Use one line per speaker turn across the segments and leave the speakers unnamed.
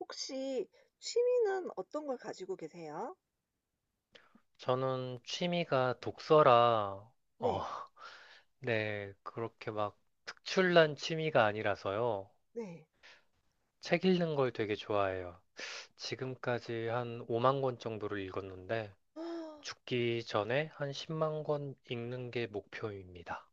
혹시 취미는 어떤 걸 가지고 계세요?
저는 취미가 독서라,
네.
어, 네, 그렇게 막 특출난 취미가 아니라서요.
네.
책 읽는 걸 되게 좋아해요. 지금까지 한 5만 권 정도를 읽었는데, 죽기 전에 한 10만 권 읽는 게 목표입니다.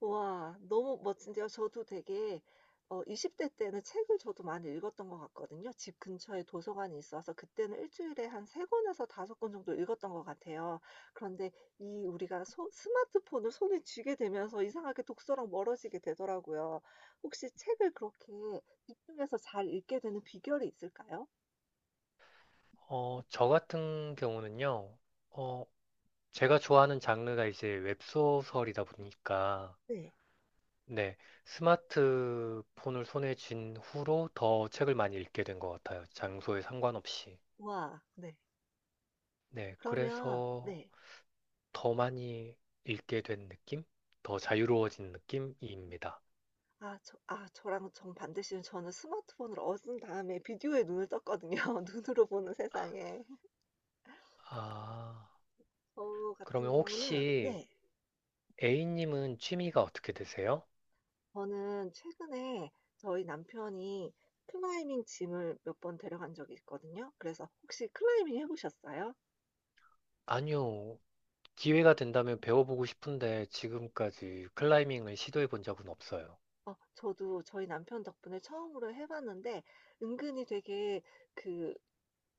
와, 너무 멋진데요. 저도 되게 20대 때는 책을 저도 많이 읽었던 것 같거든요. 집 근처에 도서관이 있어서 그때는 일 주일에 한 3 권에서 5권 정도 읽었던 것 같아요. 그런데 이 우리가 스마트폰을 손에 쥐게 되면서 이상하게 독서랑 멀어지게 되더라고요. 혹시 책을 그렇게 집중해서 잘 읽게 되는 비결이 있을까요?
저 같은 경우는요, 어, 제가 좋아하는 장르가 이제 웹소설이다 보니까,
네.
네, 스마트폰을 손에 쥔 후로 더 책을 많이 읽게 된 것 같아요. 장소에 상관없이.
와. 네.
네,
그러면
그래서
네.
더 많이 읽게 된 느낌? 더 자유로워진 느낌입니다.
저랑 정반대시, 저는 스마트폰을 얻은 다음에 비디오에 눈을 떴거든요, 눈으로 보는 세상에.
아,
저 같은
그러면
경우는.
혹시
네.
A님은 취미가 어떻게 되세요?
저는 최근에 저희 남편이 클라이밍 짐을 몇 번 데려간 적이 있거든요. 그래서 "혹시 클라이밍 해 보셨어요?"
아니요, 기회가 된다면 배워보고 싶은데 지금까지 클라이밍을 시도해 본 적은 없어요.
저도 저희 남편 덕분에 처음으로 해 봤는데, 은근히 되게 그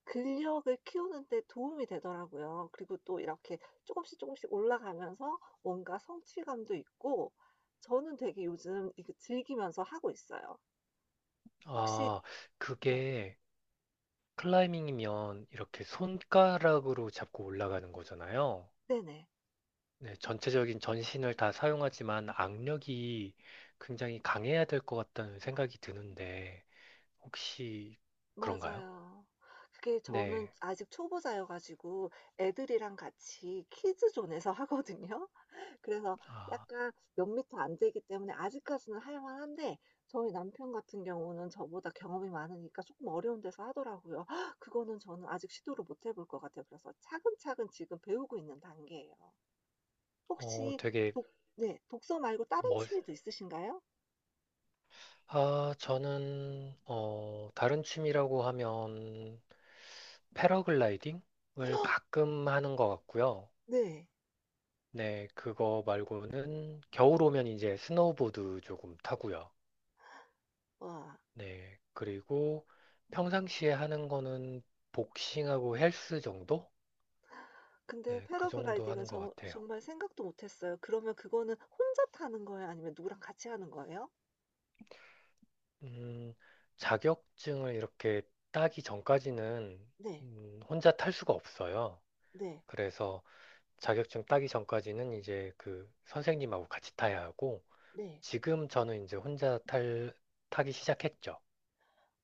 근력을 키우는 데 도움이 되더라고요. 그리고 또 이렇게 조금씩 조금씩 올라가면서 뭔가 성취감도 있고, 저는 되게 요즘 이거 즐기면서 하고 있어요. 혹시.
아,
네.
그게 클라이밍이면 이렇게 손가락으로 잡고 올라가는 거잖아요.
네네.
네, 전체적인 전신을 다 사용하지만 악력이 굉장히 강해야 될 것 같다는 생각이 드는데, 혹시 그런가요?
맞아요. 그게 저는
네.
아직 초보자여 가지고 애들이랑 같이 키즈 존에서 하거든요. 그래서
아,
약간 몇 미터 안 되기 때문에 아직까지는 할 만한데, 저희 남편 같은 경우는 저보다 경험이 많으니까 조금 어려운 데서 하더라고요. 그거는 저는 아직 시도를 못 해볼 것 같아요. 그래서 차근차근 지금 배우고 있는 단계예요.
어,
혹시
되게
독 네, 독서 말고 다른
멋,
취미도 있으신가요?
아, 저는, 다른 취미라고 하면 패러글라이딩을 가끔 하는 것 같고요.
네.
네, 그거 말고는 겨울 오면 이제 스노우보드 조금 타고요.
와.
네. 그리고 평상시에 하는 거는 복싱하고 헬스 정도?
근데
네, 그 정도
패러글라이딩은
하는 것
저
같아요.
정말 생각도 못 했어요. 그러면 그거는 혼자 타는 거예요? 아니면 누구랑 같이 하는 거예요?
음, 자격증을 이렇게 따기 전까지는
네.
혼자 탈 수가 없어요.
네.
그래서 자격증 따기 전까지는 이제 그 선생님하고 같이 타야 하고,
네.
지금 저는 이제 타기 시작했죠.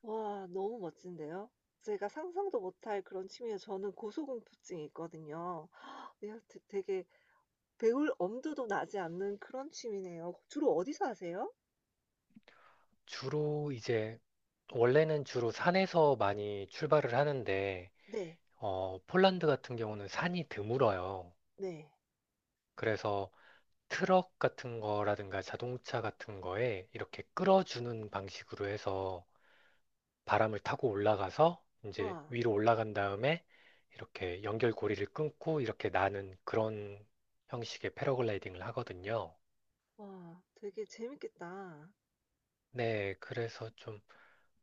와, 너무 멋진데요. 제가 상상도 못할 그런 취미예요. 저는 고소공포증이 있거든요. 네, 되 되게 배울 엄두도 나지 않는 그런 취미네요. 주로 어디서 하세요?
주로 이제, 원래는 주로 산에서 많이 출발을 하는데,
네.
폴란드 같은 경우는 산이 드물어요.
네.
그래서 트럭 같은 거라든가 자동차 같은 거에 이렇게 끌어주는 방식으로 해서 바람을 타고 올라가서 이제
와.
위로 올라간 다음에 이렇게 연결고리를 끊고 이렇게 나는 그런 형식의 패러글라이딩을 하거든요.
와, 되게 재밌겠다.
네, 그래서 좀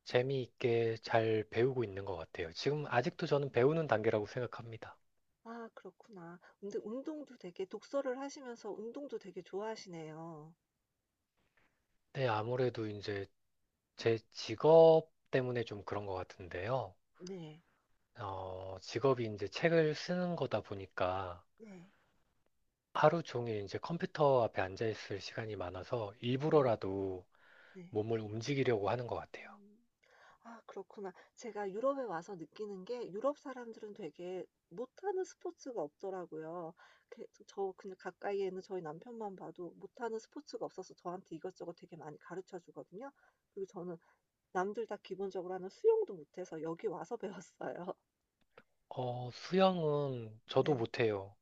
재미있게 잘 배우고 있는 것 같아요. 지금 아직도 저는 배우는 단계라고 생각합니다.
아, 그렇구나. 근데 운동도 되게 독서를 하시면서 운동도 되게 좋아하시네요.
네, 아무래도 이제 제 직업 때문에 좀 그런 것 같은데요.
네.
직업이 이제 책을 쓰는 거다 보니까
네.
하루 종일 이제 컴퓨터 앞에 앉아 있을 시간이 많아서
네.
일부러라도
네.
몸을 움직이려고 하는 것 같아요.
음. 아, 그렇구나. 제가 유럽에 와서 느끼는 게, 유럽 사람들은 되게 못하는 스포츠가 없더라고요. 그 저 그냥 가까이에 있는 저희 남편만 봐도 못하는 스포츠가 없어서 저한테 이것저것 되게 많이 가르쳐 주거든요. 그리고 저는 남들 다 기본적으로 하는 수영도 못해서 여기 와서 배웠어요.
수영은 저도
네.
못해요.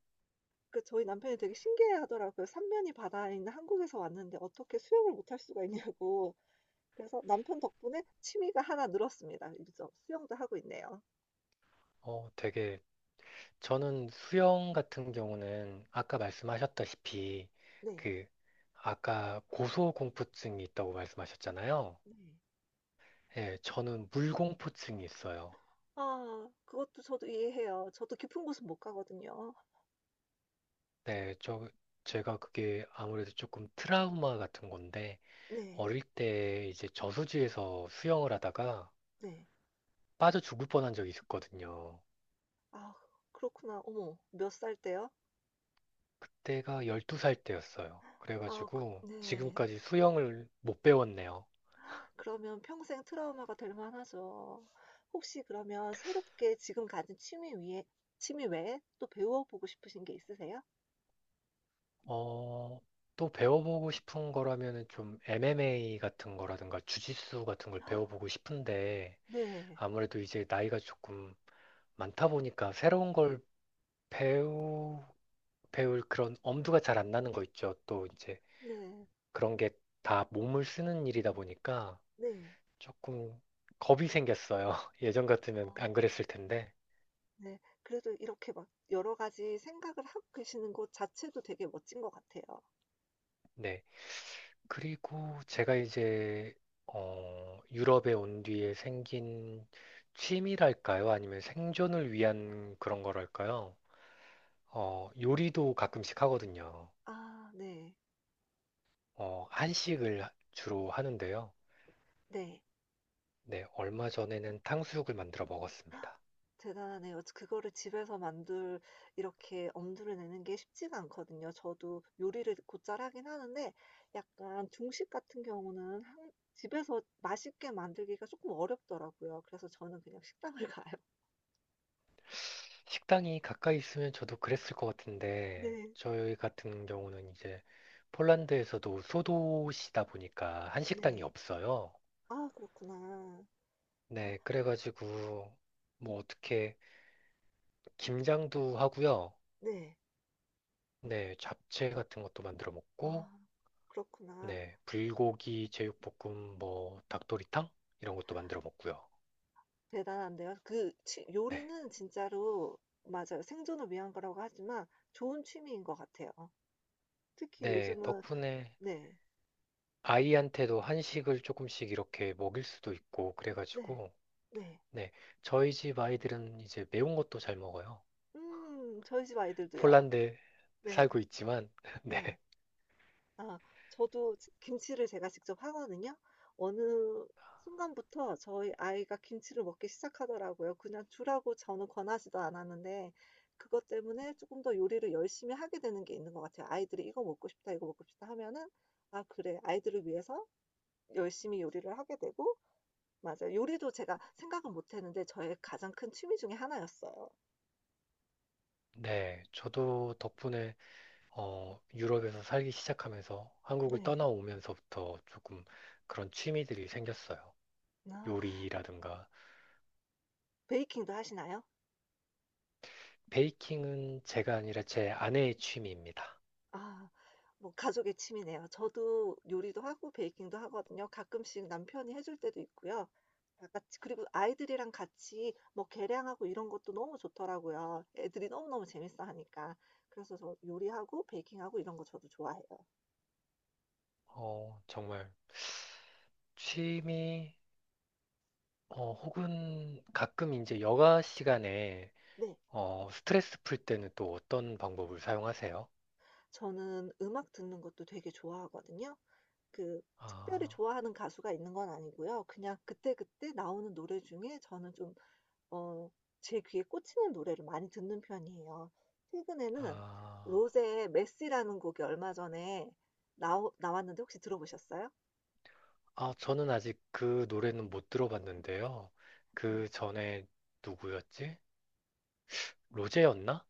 그 저희 남편이 되게 신기해하더라고요. 삼면이 바다에 있는 한국에서 왔는데 어떻게 수영을 못할 수가 있냐고. 그래서 남편 덕분에 취미가 하나 늘었습니다. 그래서 수영도 하고 있네요.
어, 되게, 저는 수영 같은 경우는 아까 말씀하셨다시피
네.
그, 아까 고소공포증이 있다고 말씀하셨잖아요.
네.
예, 저는 물공포증이 있어요.
아, 그것도 저도 이해해요. 저도 깊은 곳은 못 가거든요.
네, 제가 그게 아무래도 조금 트라우마 같은 건데,
네.
어릴 때 이제 저수지에서 수영을 하다가
네.
빠져 죽을 뻔한 적이 있었거든요.
아, 그렇구나. 어머, 몇 살 때요?
그때가 12살 때였어요.
아
그래가지고
네.
지금까지 수영을 못 배웠네요.
그러면 평생 트라우마가 될 만하죠. 혹시 그러면 새롭게 지금 가진 취미 외에 또 배워 보고 싶으신 게 있으세요?
어, 또 배워보고 싶은 거라면은 좀 MMA 같은 거라든가 주짓수 같은 걸 배워보고 싶은데,
네.
아무래도 이제 나이가 조금 많다 보니까 새로운 걸 배우 배울 그런 엄두가 잘 안 나는 거 있죠. 또 이제
네.
그런 게 다 몸을 쓰는 일이다 보니까
네.
조금 겁이 생겼어요. 예전 같으면 안
아,
그랬을 텐데.
네. 그래도 이렇게 막 여러 가지 생각을 하고 계시는 것 자체도 되게 멋진 것 같아요.
네. 그리고 제가 이제 유럽에 온 뒤에 생긴 취미랄까요? 아니면 생존을 위한 그런 거랄까요? 요리도 가끔씩 하거든요.
아, 네.
한식을 주로 하는데요.
네.
네, 얼마 전에는 탕수육을 만들어 먹었습니다.
대단하네요. 그거를 집에서 만들, 이렇게 엄두를 내는 게 쉽지가 않거든요. 저도 요리를 곧잘 하긴 하는데, 약간 중식 같은 경우는 한 집에서 맛있게 만들기가 조금 어렵더라고요. 그래서 저는 그냥 식당을 가요.
식당이 가까이 있으면 저도 그랬을 것 같은데,
네.
저희 같은 경우는 이제 폴란드에서도 소도시다 보니까 한식당이
네.
없어요.
아, 그렇구나. 아,
네, 그래가지고 뭐 어떻게 김장도 하고요.
네. 네.
네, 잡채 같은 것도 만들어 먹고,
아, 그렇구나.
네, 불고기 제육볶음, 뭐 닭도리탕 이런 것도 만들어 먹고요.
대단한데요. 그 취
네,
요리는 진짜로. 맞아요. 생존을 위한 거라고 하지만 좋은 취미인 것 같아요. 특히
네,
요즘은.
덕분에
네.
아이한테도 한식을 조금씩 이렇게 먹일 수도 있고
네.
그래가지고.
네.
네, 저희 집 아이들은 이제 매운 것도 잘 먹어요.
저희 집 아이들도요.
폴란드에
네.
살고 있지만,
네.
네,
아, 저도 지 김치를 제가 직접 하거든요. 어느 순간부터 저희 아이가 김치를 먹기 시작하더라고요. 그냥 주라고 저는 권하지도 않았는데, 그것 때문에 쪼끔 더 요리를 열심히 하게 되는 게 있는 것 같아요. 아이들이 "이거 먹고 싶다. 이거 먹고 싶다." 하면은 '아, 그래.' 아이들을 위해서 열심히 요리를 하게 되고. 맞아요. 요리도 제가 생각은 못 했는데 저의 가장 큰 취미 중에 하나였어요.
네, 저도 덕분에 유럽에서 살기 시작하면서 한국을
네.
떠나오면서부터 조금 그런 취미들이 생겼어요.
아.
요리라든가
베이킹도 하시나요?
베이킹은 제가 아니라 제 아내의 취미입니다.
아, 뭐 가족의 취미네요. 저도 요리도 하고 베이킹도 하거든요. 가끔씩 남편이 해줄 때도 있고요. 다 같이 그리고 아이들이랑 같이 뭐 계량하고 이런 것도 너무 좋더라고요, 애들이 너무너무 재밌어하니까. 그래서 저 요리하고 베이킹하고 이런 거 저도 좋아해요.
어, 정말 취미 혹은 가끔 이제 여가 시간에
네.
스트레스 풀 때는 또 어떤 방법을 사용하세요?
저는 음악 듣는 것도 되게 좋아하거든요. 그 특별히
아.
좋아하는 가수가 있는 건 아니고요. 그냥 그때그때 나오는 노래 중에 저는 좀 어 제 귀에 꽂히는 노래를 많이 듣는 편이에요. 최근에는
아,
로제의 메시라는 곡이 얼마 전에 나 나왔는데 혹시 들어보셨어요?
아, 저는 아직 그 노래는 못 들어봤는데요.
음.
그 전에 누구였지? 로제였나?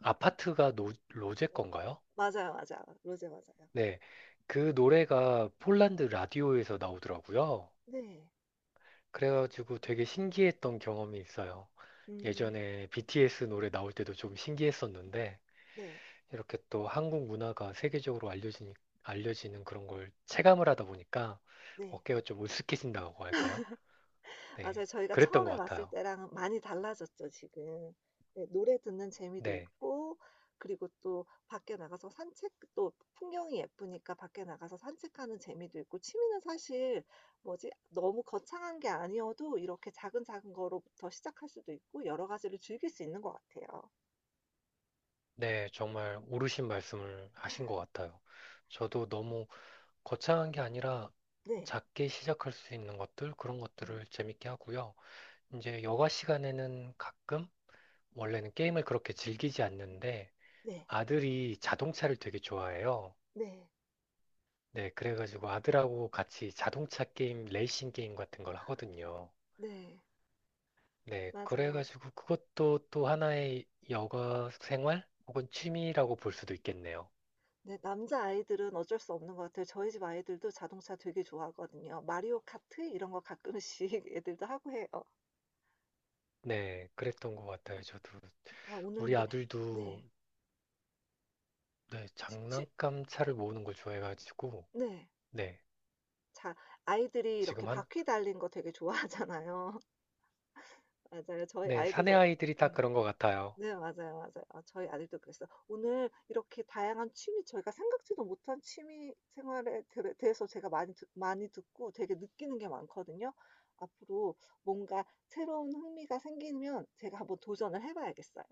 아파트가 로제
어,
건가요?
맞아요, 맞아요. 로제 맞아요.
네. 그 노래가 폴란드 라디오에서 나오더라고요.
네.
그래가지고 되게 신기했던 경험이 있어요.
음.
예전에 BTS 노래 나올 때도 좀 신기했었는데,
네.
이렇게 또 한국 문화가 세계적으로 알려지는 그런 걸 체감을 하다 보니까
네.
어깨가 좀 으쓱해진다고 할까요?
맞아요.
네,
저희가
그랬던 것
처음에 왔을
같아요.
때랑 많이 달라졌죠, 지금. 네, 노래 듣는 재미도
네,
있고, 그리고 또 밖에 나가서 산책, 또 풍경이 예쁘니까 밖에 나가서 산책하는 재미도 있고. 취미는 사실 뭐지? 너무 거창한 게 아니어도 이렇게 작은 작은 거로부터 시작할 수도 있고 여러 가지를 즐길 수 있는 것 같아요.
네, 정말 옳으신 말씀을 하신 것 같아요. 저도 너무 거창한 게 아니라
네.
작게 시작할 수 있는 것들, 그런
음.
것들을 재밌게 하고요. 이제 여가 시간에는 원래는 게임을 그렇게 즐기지 않는데
네.
아들이 자동차를 되게 좋아해요.
네.
네, 그래가지고 아들하고 같이 자동차 게임, 레이싱 게임 같은 걸 하거든요.
네.
네,
맞아요.
그래가지고 그것도 또 하나의 여가 생활 혹은 취미라고 볼 수도 있겠네요.
네. 남자아이들은 어쩔 수 없는 것 같아요. 저희 집 아이들도 자동차 되게 좋아하거든요. 마리오 카트 이런 거 가끔씩 애들도 하고 해요.
네, 그랬던 것 같아요. 저도
아, 오늘
우리
근데.
아들도
네.
네,
치 치
장난감 차를 모으는 걸 좋아해가지고
네.
네,
자, 아이들이 이렇게
지금 한
바퀴 달린 거 되게 좋아하잖아요. 맞아요. 저희
네, 사내
아이들도.
아이들이 다
음.
그런 것 같아요.
네, 맞아요, 맞아요. 아, 저희 아들도 그랬어요. 오늘 이렇게 다양한 취미, 저희가 생각지도 못한 취미 생활에 들 대해서 제가 많이 듣고 되게 느끼는 게 많거든요. 앞으로 뭔가 새로운 흥미가 생기면 제가 한번 도전을 해 봐야겠어요.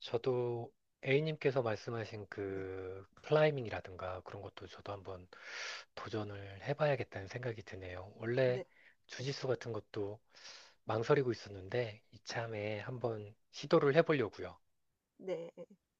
저도 A님께서 말씀하신
네.
그 클라이밍이라든가 그런 것도 저도 한번 도전을 해봐야겠다는 생각이 드네요. 원래
네. 네.
주짓수 같은 것도 망설이고 있었는데 이참에 한번 시도를 해보려고요.
네.